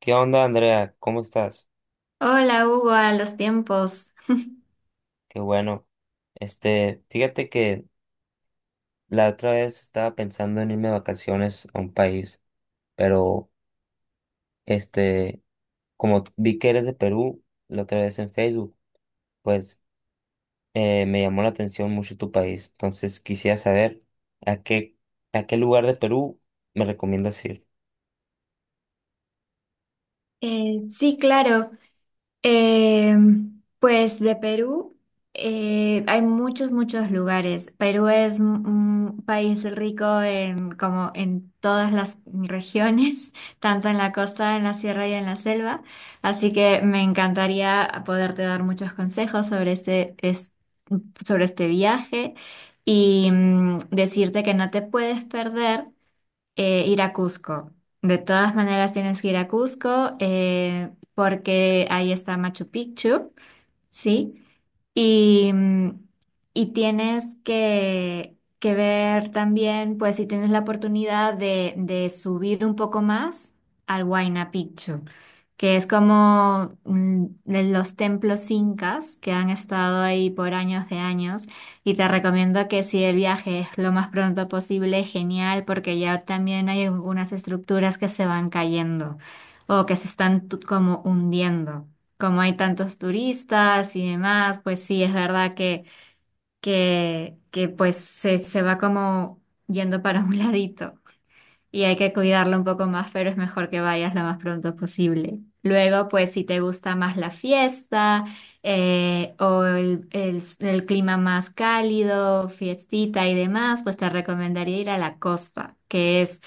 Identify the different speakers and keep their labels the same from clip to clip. Speaker 1: ¿Qué onda, Andrea? ¿Cómo estás?
Speaker 2: Hola Hugo, a los tiempos.
Speaker 1: Qué bueno. Fíjate que la otra vez estaba pensando en irme de vacaciones a un país, pero este, como vi que eres de Perú la otra vez en Facebook, pues me llamó la atención mucho tu país. Entonces quisiera saber a qué, a qué lugar de Perú me recomiendas ir.
Speaker 2: Sí, claro. Eh, pues de Perú hay muchos lugares. Perú es un país rico en, como en todas las regiones, tanto en la costa, en la sierra y en la selva. Así que me encantaría poderte dar muchos consejos sobre sobre este viaje y decirte que no te puedes perder. Ir a Cusco. De todas maneras tienes que ir a Cusco porque ahí está Machu Picchu. ¿Sí? Y, mm, y tienes que ver también, pues si tienes la oportunidad de subir un poco más al Huayna Picchu, que es como de los templos incas que han estado ahí por años de años. Y te recomiendo que si el viaje es lo más pronto posible, genial, porque ya también hay algunas estructuras que se van cayendo o que se están como hundiendo, como hay tantos turistas y demás, pues sí, es verdad que pues se va como yendo para un ladito y hay que cuidarlo un poco más, pero es mejor que vayas lo más pronto posible. Luego, pues si te gusta más la fiesta o el clima más cálido, fiestita y demás, pues te recomendaría ir a la costa, que es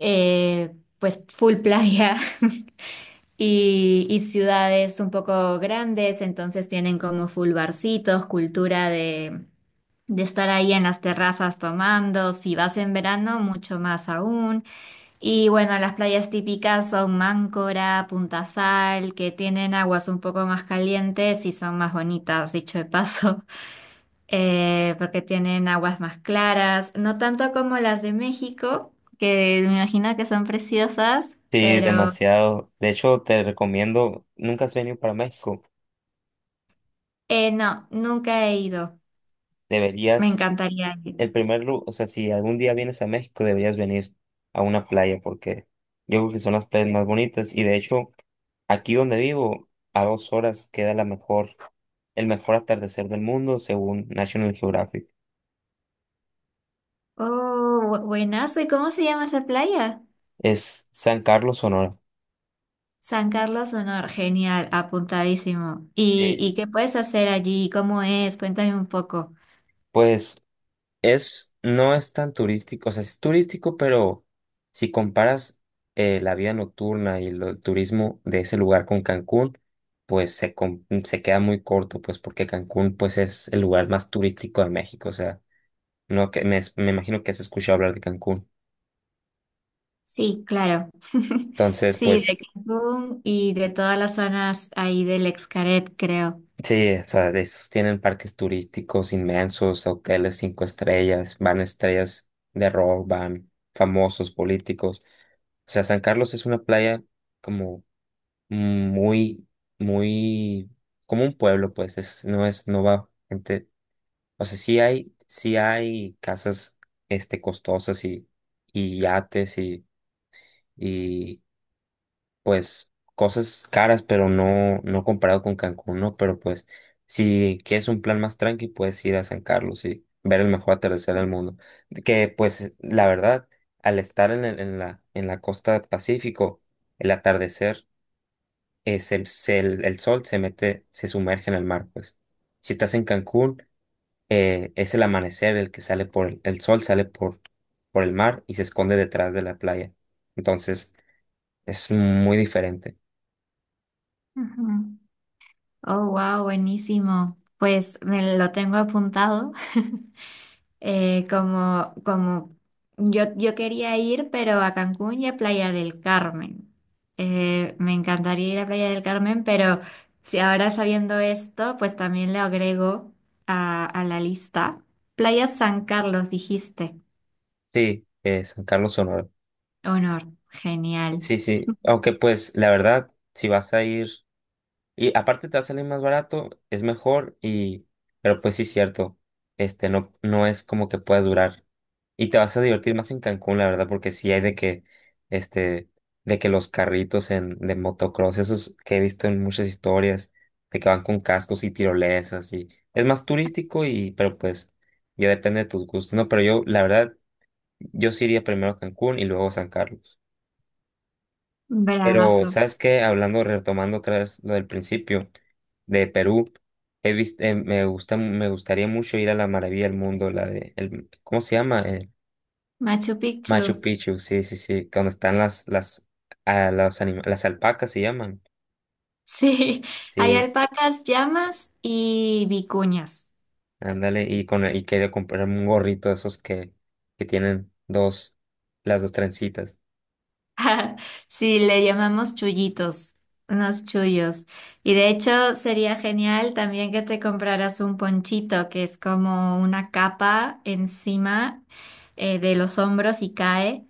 Speaker 2: pues full playa y ciudades un poco grandes, entonces tienen como full barcitos, cultura de estar ahí en las terrazas tomando, si vas en verano, mucho más aún. Y bueno, las playas típicas son Máncora, Punta Sal, que tienen aguas un poco más calientes y son más bonitas, dicho de paso. Porque tienen aguas más claras, no tanto como las de México, que me imagino que son preciosas,
Speaker 1: Sí,
Speaker 2: pero...
Speaker 1: demasiado. De hecho, te recomiendo, nunca has venido para México,
Speaker 2: No, nunca he ido. Me
Speaker 1: deberías.
Speaker 2: encantaría ir.
Speaker 1: El primer lugar, o sea, si algún día vienes a México, deberías venir a una playa porque yo creo que son las playas más bonitas y, de hecho, aquí donde vivo, a 2 horas queda la mejor, el mejor atardecer del mundo según National Geographic.
Speaker 2: Oh, buenazo. ¿Y cómo se llama esa playa?
Speaker 1: Es San Carlos, Sonora.
Speaker 2: San Carlos Sonor. Genial, apuntadísimo. Y
Speaker 1: Sí,
Speaker 2: qué puedes hacer allí? ¿Cómo es? Cuéntame un poco.
Speaker 1: pues es, no es tan turístico, o sea, es turístico, pero si comparas la vida nocturna y el turismo de ese lugar con Cancún, pues se queda muy corto, pues porque Cancún pues es el lugar más turístico de México, o sea, no que me, me imagino que has escuchado hablar de Cancún.
Speaker 2: Sí, claro.
Speaker 1: Entonces,
Speaker 2: Sí, de
Speaker 1: pues
Speaker 2: Cancún y de todas las zonas ahí del Excaret, creo.
Speaker 1: sí, o sea, de esos tienen parques turísticos inmensos, hoteles cinco estrellas, van estrellas de rock, van famosos políticos. O sea, San Carlos es una playa como muy, muy como un pueblo, pues es, no va gente, o sea, sí hay casas, costosas y, yates y pues cosas caras, pero no, no comparado con Cancún, ¿no? Pero pues si quieres un plan más tranqui, puedes ir a San Carlos y ver el mejor atardecer del mundo. Que pues la verdad, al estar en, en la costa del Pacífico, el atardecer el sol se mete, se sumerge en el mar, pues. Si estás en Cancún, es el amanecer el que sale por el sol, sale por el mar y se esconde detrás de la playa. Entonces, es muy diferente.
Speaker 2: Ujú. Oh, wow, buenísimo. Pues me lo tengo apuntado. Como yo quería ir, pero a Cancún y a Playa del Carmen. Me encantaría ir a Playa del Carmen, pero si ahora sabiendo esto, pues también le agrego a la lista. Playa San Carlos, dijiste.
Speaker 1: Sí, San Carlos, Sonora.
Speaker 2: Honor, genial.
Speaker 1: Sí, sí, aunque pues la verdad, si vas a ir. Y aparte te va a salir más barato, es mejor y... Pero pues sí, cierto, no, no es como que puedas durar. Y te vas a divertir más en Cancún, la verdad, porque sí hay de que, este, de que los carritos en, de motocross, esos que he visto en muchas historias, de que van con cascos y tirolesas y es más turístico y, pero pues ya depende de tus gustos, ¿no? Pero yo, la verdad, yo sí iría primero a Cancún y luego a San Carlos. Pero,
Speaker 2: Bravazo.
Speaker 1: ¿sabes qué? Hablando, retomando otra vez lo del principio de Perú, he visto, me gusta, me gustaría mucho ir a la maravilla del mundo, la de, el, ¿cómo se llama? El
Speaker 2: Machu Picchu.
Speaker 1: Machu Picchu, sí, sí, sí, cuando están las, a los anima- las alpacas se llaman,
Speaker 2: Sí, hay
Speaker 1: sí,
Speaker 2: alpacas, llamas y vicuñas.
Speaker 1: ándale, y con, y quería comprar un gorrito de esos que tienen dos, las dos trencitas.
Speaker 2: Sí, le llamamos chullitos, unos chullos. Y de hecho sería genial también que te compraras un ponchito, que es como una capa encima de los hombros y cae.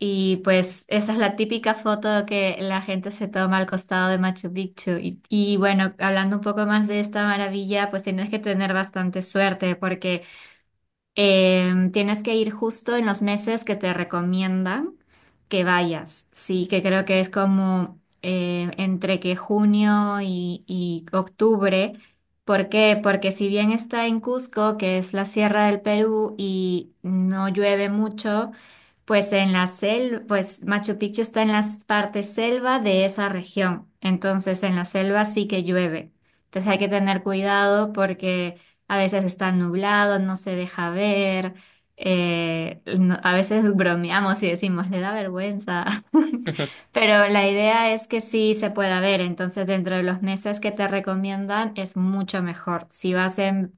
Speaker 2: Y pues esa es la típica foto que la gente se toma al costado de Machu Picchu. Y bueno, hablando un poco más de esta maravilla, pues tienes que tener bastante suerte porque... Tienes que ir justo en los meses que te recomiendan que vayas. Sí, que creo que es como entre que junio y octubre. ¿Por qué? Porque si bien está en Cusco, que es la sierra del Perú, y no llueve mucho, pues en la selva, pues Machu Picchu está en la parte selva de esa región. Entonces en la selva sí que llueve. Entonces hay que tener cuidado porque a veces está nublado, no se deja ver. A veces bromeamos y decimos, le da vergüenza.
Speaker 1: Ujú.
Speaker 2: Pero la idea es que sí se pueda ver. Entonces dentro de los meses que te recomiendan es mucho mejor. Si vas en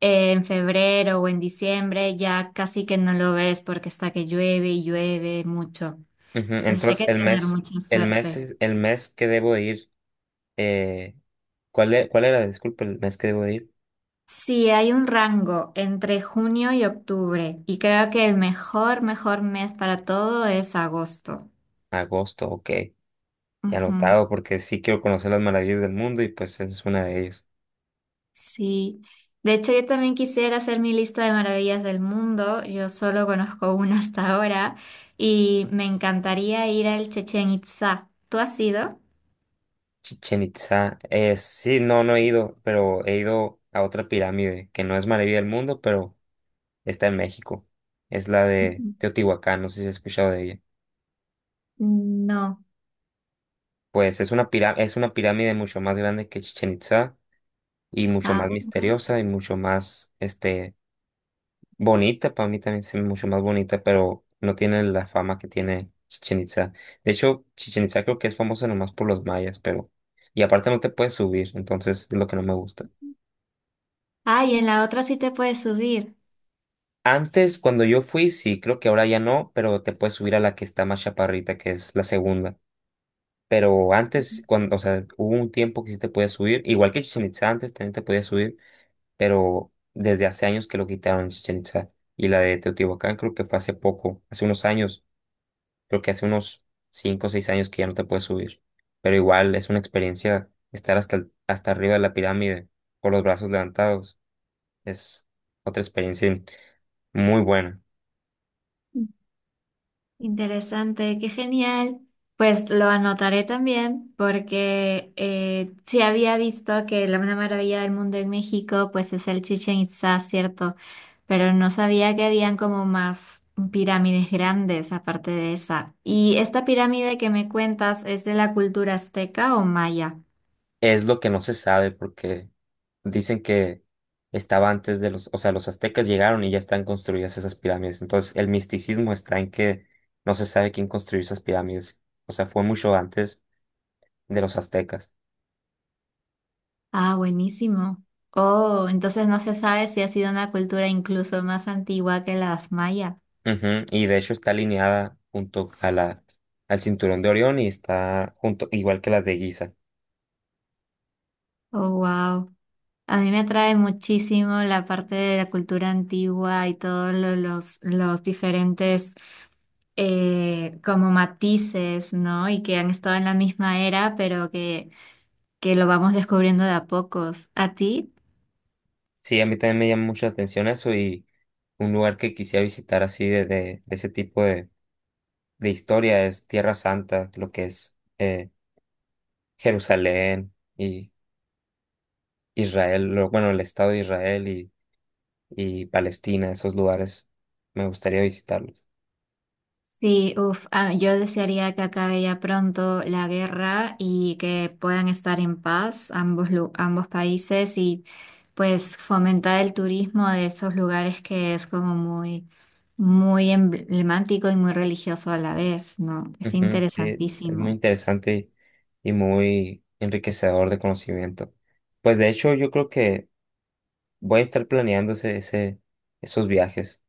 Speaker 2: en febrero o en diciembre ya casi que no lo ves porque está que llueve y llueve mucho.
Speaker 1: Ujú.
Speaker 2: Entonces hay
Speaker 1: Entonces,
Speaker 2: que
Speaker 1: el
Speaker 2: tener
Speaker 1: mes,
Speaker 2: mucha
Speaker 1: el mes,
Speaker 2: suerte.
Speaker 1: es- el mes que debo de ir. eh, ¿Cuál era? Disculpe, el mes que debo de ir.
Speaker 2: Sí, hay un rango entre junio y octubre y creo que el mejor mes para todo es agosto.
Speaker 1: Agosto, ok. Ya
Speaker 2: Ujú,
Speaker 1: anotado porque sí quiero conocer las maravillas del mundo y pues esa es una de ellas.
Speaker 2: sí. De hecho, yo también quisiera hacer mi lista de maravillas del mundo. Yo solo conozco una hasta ahora y me encantaría ir al Chechen Itzá. ¿Tú has ido?
Speaker 1: Chichen Itza. Sí, no, no he ido, pero he ido a otra pirámide que no es maravilla del mundo, pero está en México. Es la de
Speaker 2: Ujú.
Speaker 1: Teotihuacán, no sé si has escuchado de ella.
Speaker 2: No.
Speaker 1: Pues es una pirámide mucho más grande que Chichen Itza y mucho más
Speaker 2: Ah, wow.
Speaker 1: misteriosa y mucho más, bonita, para mí también es mucho más bonita, pero no tiene la fama que tiene Chichen Itza. De hecho, Chichen Itza creo que es famosa nomás por los mayas, pero... Y aparte no te puedes subir, entonces es lo que no me gusta.
Speaker 2: Ah, y en la otra sí te puedes subir.
Speaker 1: Antes, cuando yo fui, sí, creo que ahora ya no, pero te puedes subir a la que está más chaparrita, que es la segunda. Pero antes, cuando, o sea, hubo un tiempo que sí te podías subir, igual que Chichen Itza antes también te podías subir, pero desde hace años que lo quitaron Chichen Itza. Y la de Teotihuacán creo que fue hace poco, hace unos años. Creo que hace unos 5 o 6 años que ya no te puedes subir. Pero igual es una experiencia estar hasta, hasta arriba de la pirámide con los brazos levantados. Es otra experiencia muy buena.
Speaker 2: Mm. Interesante, qué genial. Pues lo anotaré también porque sí había visto que la una maravilla del mundo en México pues es el Chichen Itzá, ¿cierto? Pero no sabía que habían como más pirámides grandes aparte de esa. ¿Y esta pirámide que me cuentas es de la cultura azteca o maya?
Speaker 1: Es lo que no se sabe porque dicen que estaba antes de los, o sea, los aztecas llegaron y ya están construidas esas pirámides. Entonces el misticismo está en que no se sabe quién construyó esas pirámides. O sea, fue mucho antes de los aztecas.
Speaker 2: Ah, buenísimo. Oh, entonces no se sabe si ha sido una cultura incluso más antigua que la maya.
Speaker 1: Ujú. Y de hecho está alineada junto a la, al cinturón de Orión y está junto, igual que las de Giza.
Speaker 2: Oh, wow. A mí me atrae muchísimo la parte de la cultura antigua y todos los diferentes como matices, ¿no? Y que han estado en la misma era, pero que lo vamos descubriendo de a pocos. ¿A ti?
Speaker 1: Sí, a mí también me llama mucho la atención eso y un lugar que quisiera visitar así de ese tipo de historia es Tierra Santa, lo que es Jerusalén y Israel, bueno, el Estado de Israel y Palestina, esos lugares me gustaría visitarlos.
Speaker 2: Sí, uff, yo desearía que acabe ya pronto la guerra y que puedan estar en paz ambos, ambos países y pues fomentar el turismo de esos lugares que es como muy, muy emblemático y muy religioso a la vez, ¿no? Es
Speaker 1: Ujú. Sí, es muy
Speaker 2: interesantísimo.
Speaker 1: interesante y muy enriquecedor de conocimiento. Pues de hecho, yo creo que voy a estar planeando esos viajes.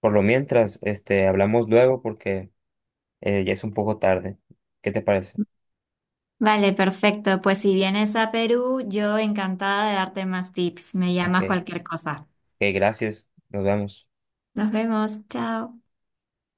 Speaker 1: Por lo mientras, hablamos luego porque ya es un poco tarde. ¿Qué te parece?
Speaker 2: Vale, perfecto. Pues si vienes a Perú, yo encantada de darte más tips. Me llamas
Speaker 1: Ok,
Speaker 2: cualquier cosa.
Speaker 1: ok, gracias. Nos vemos.
Speaker 2: Nos vemos. Chao.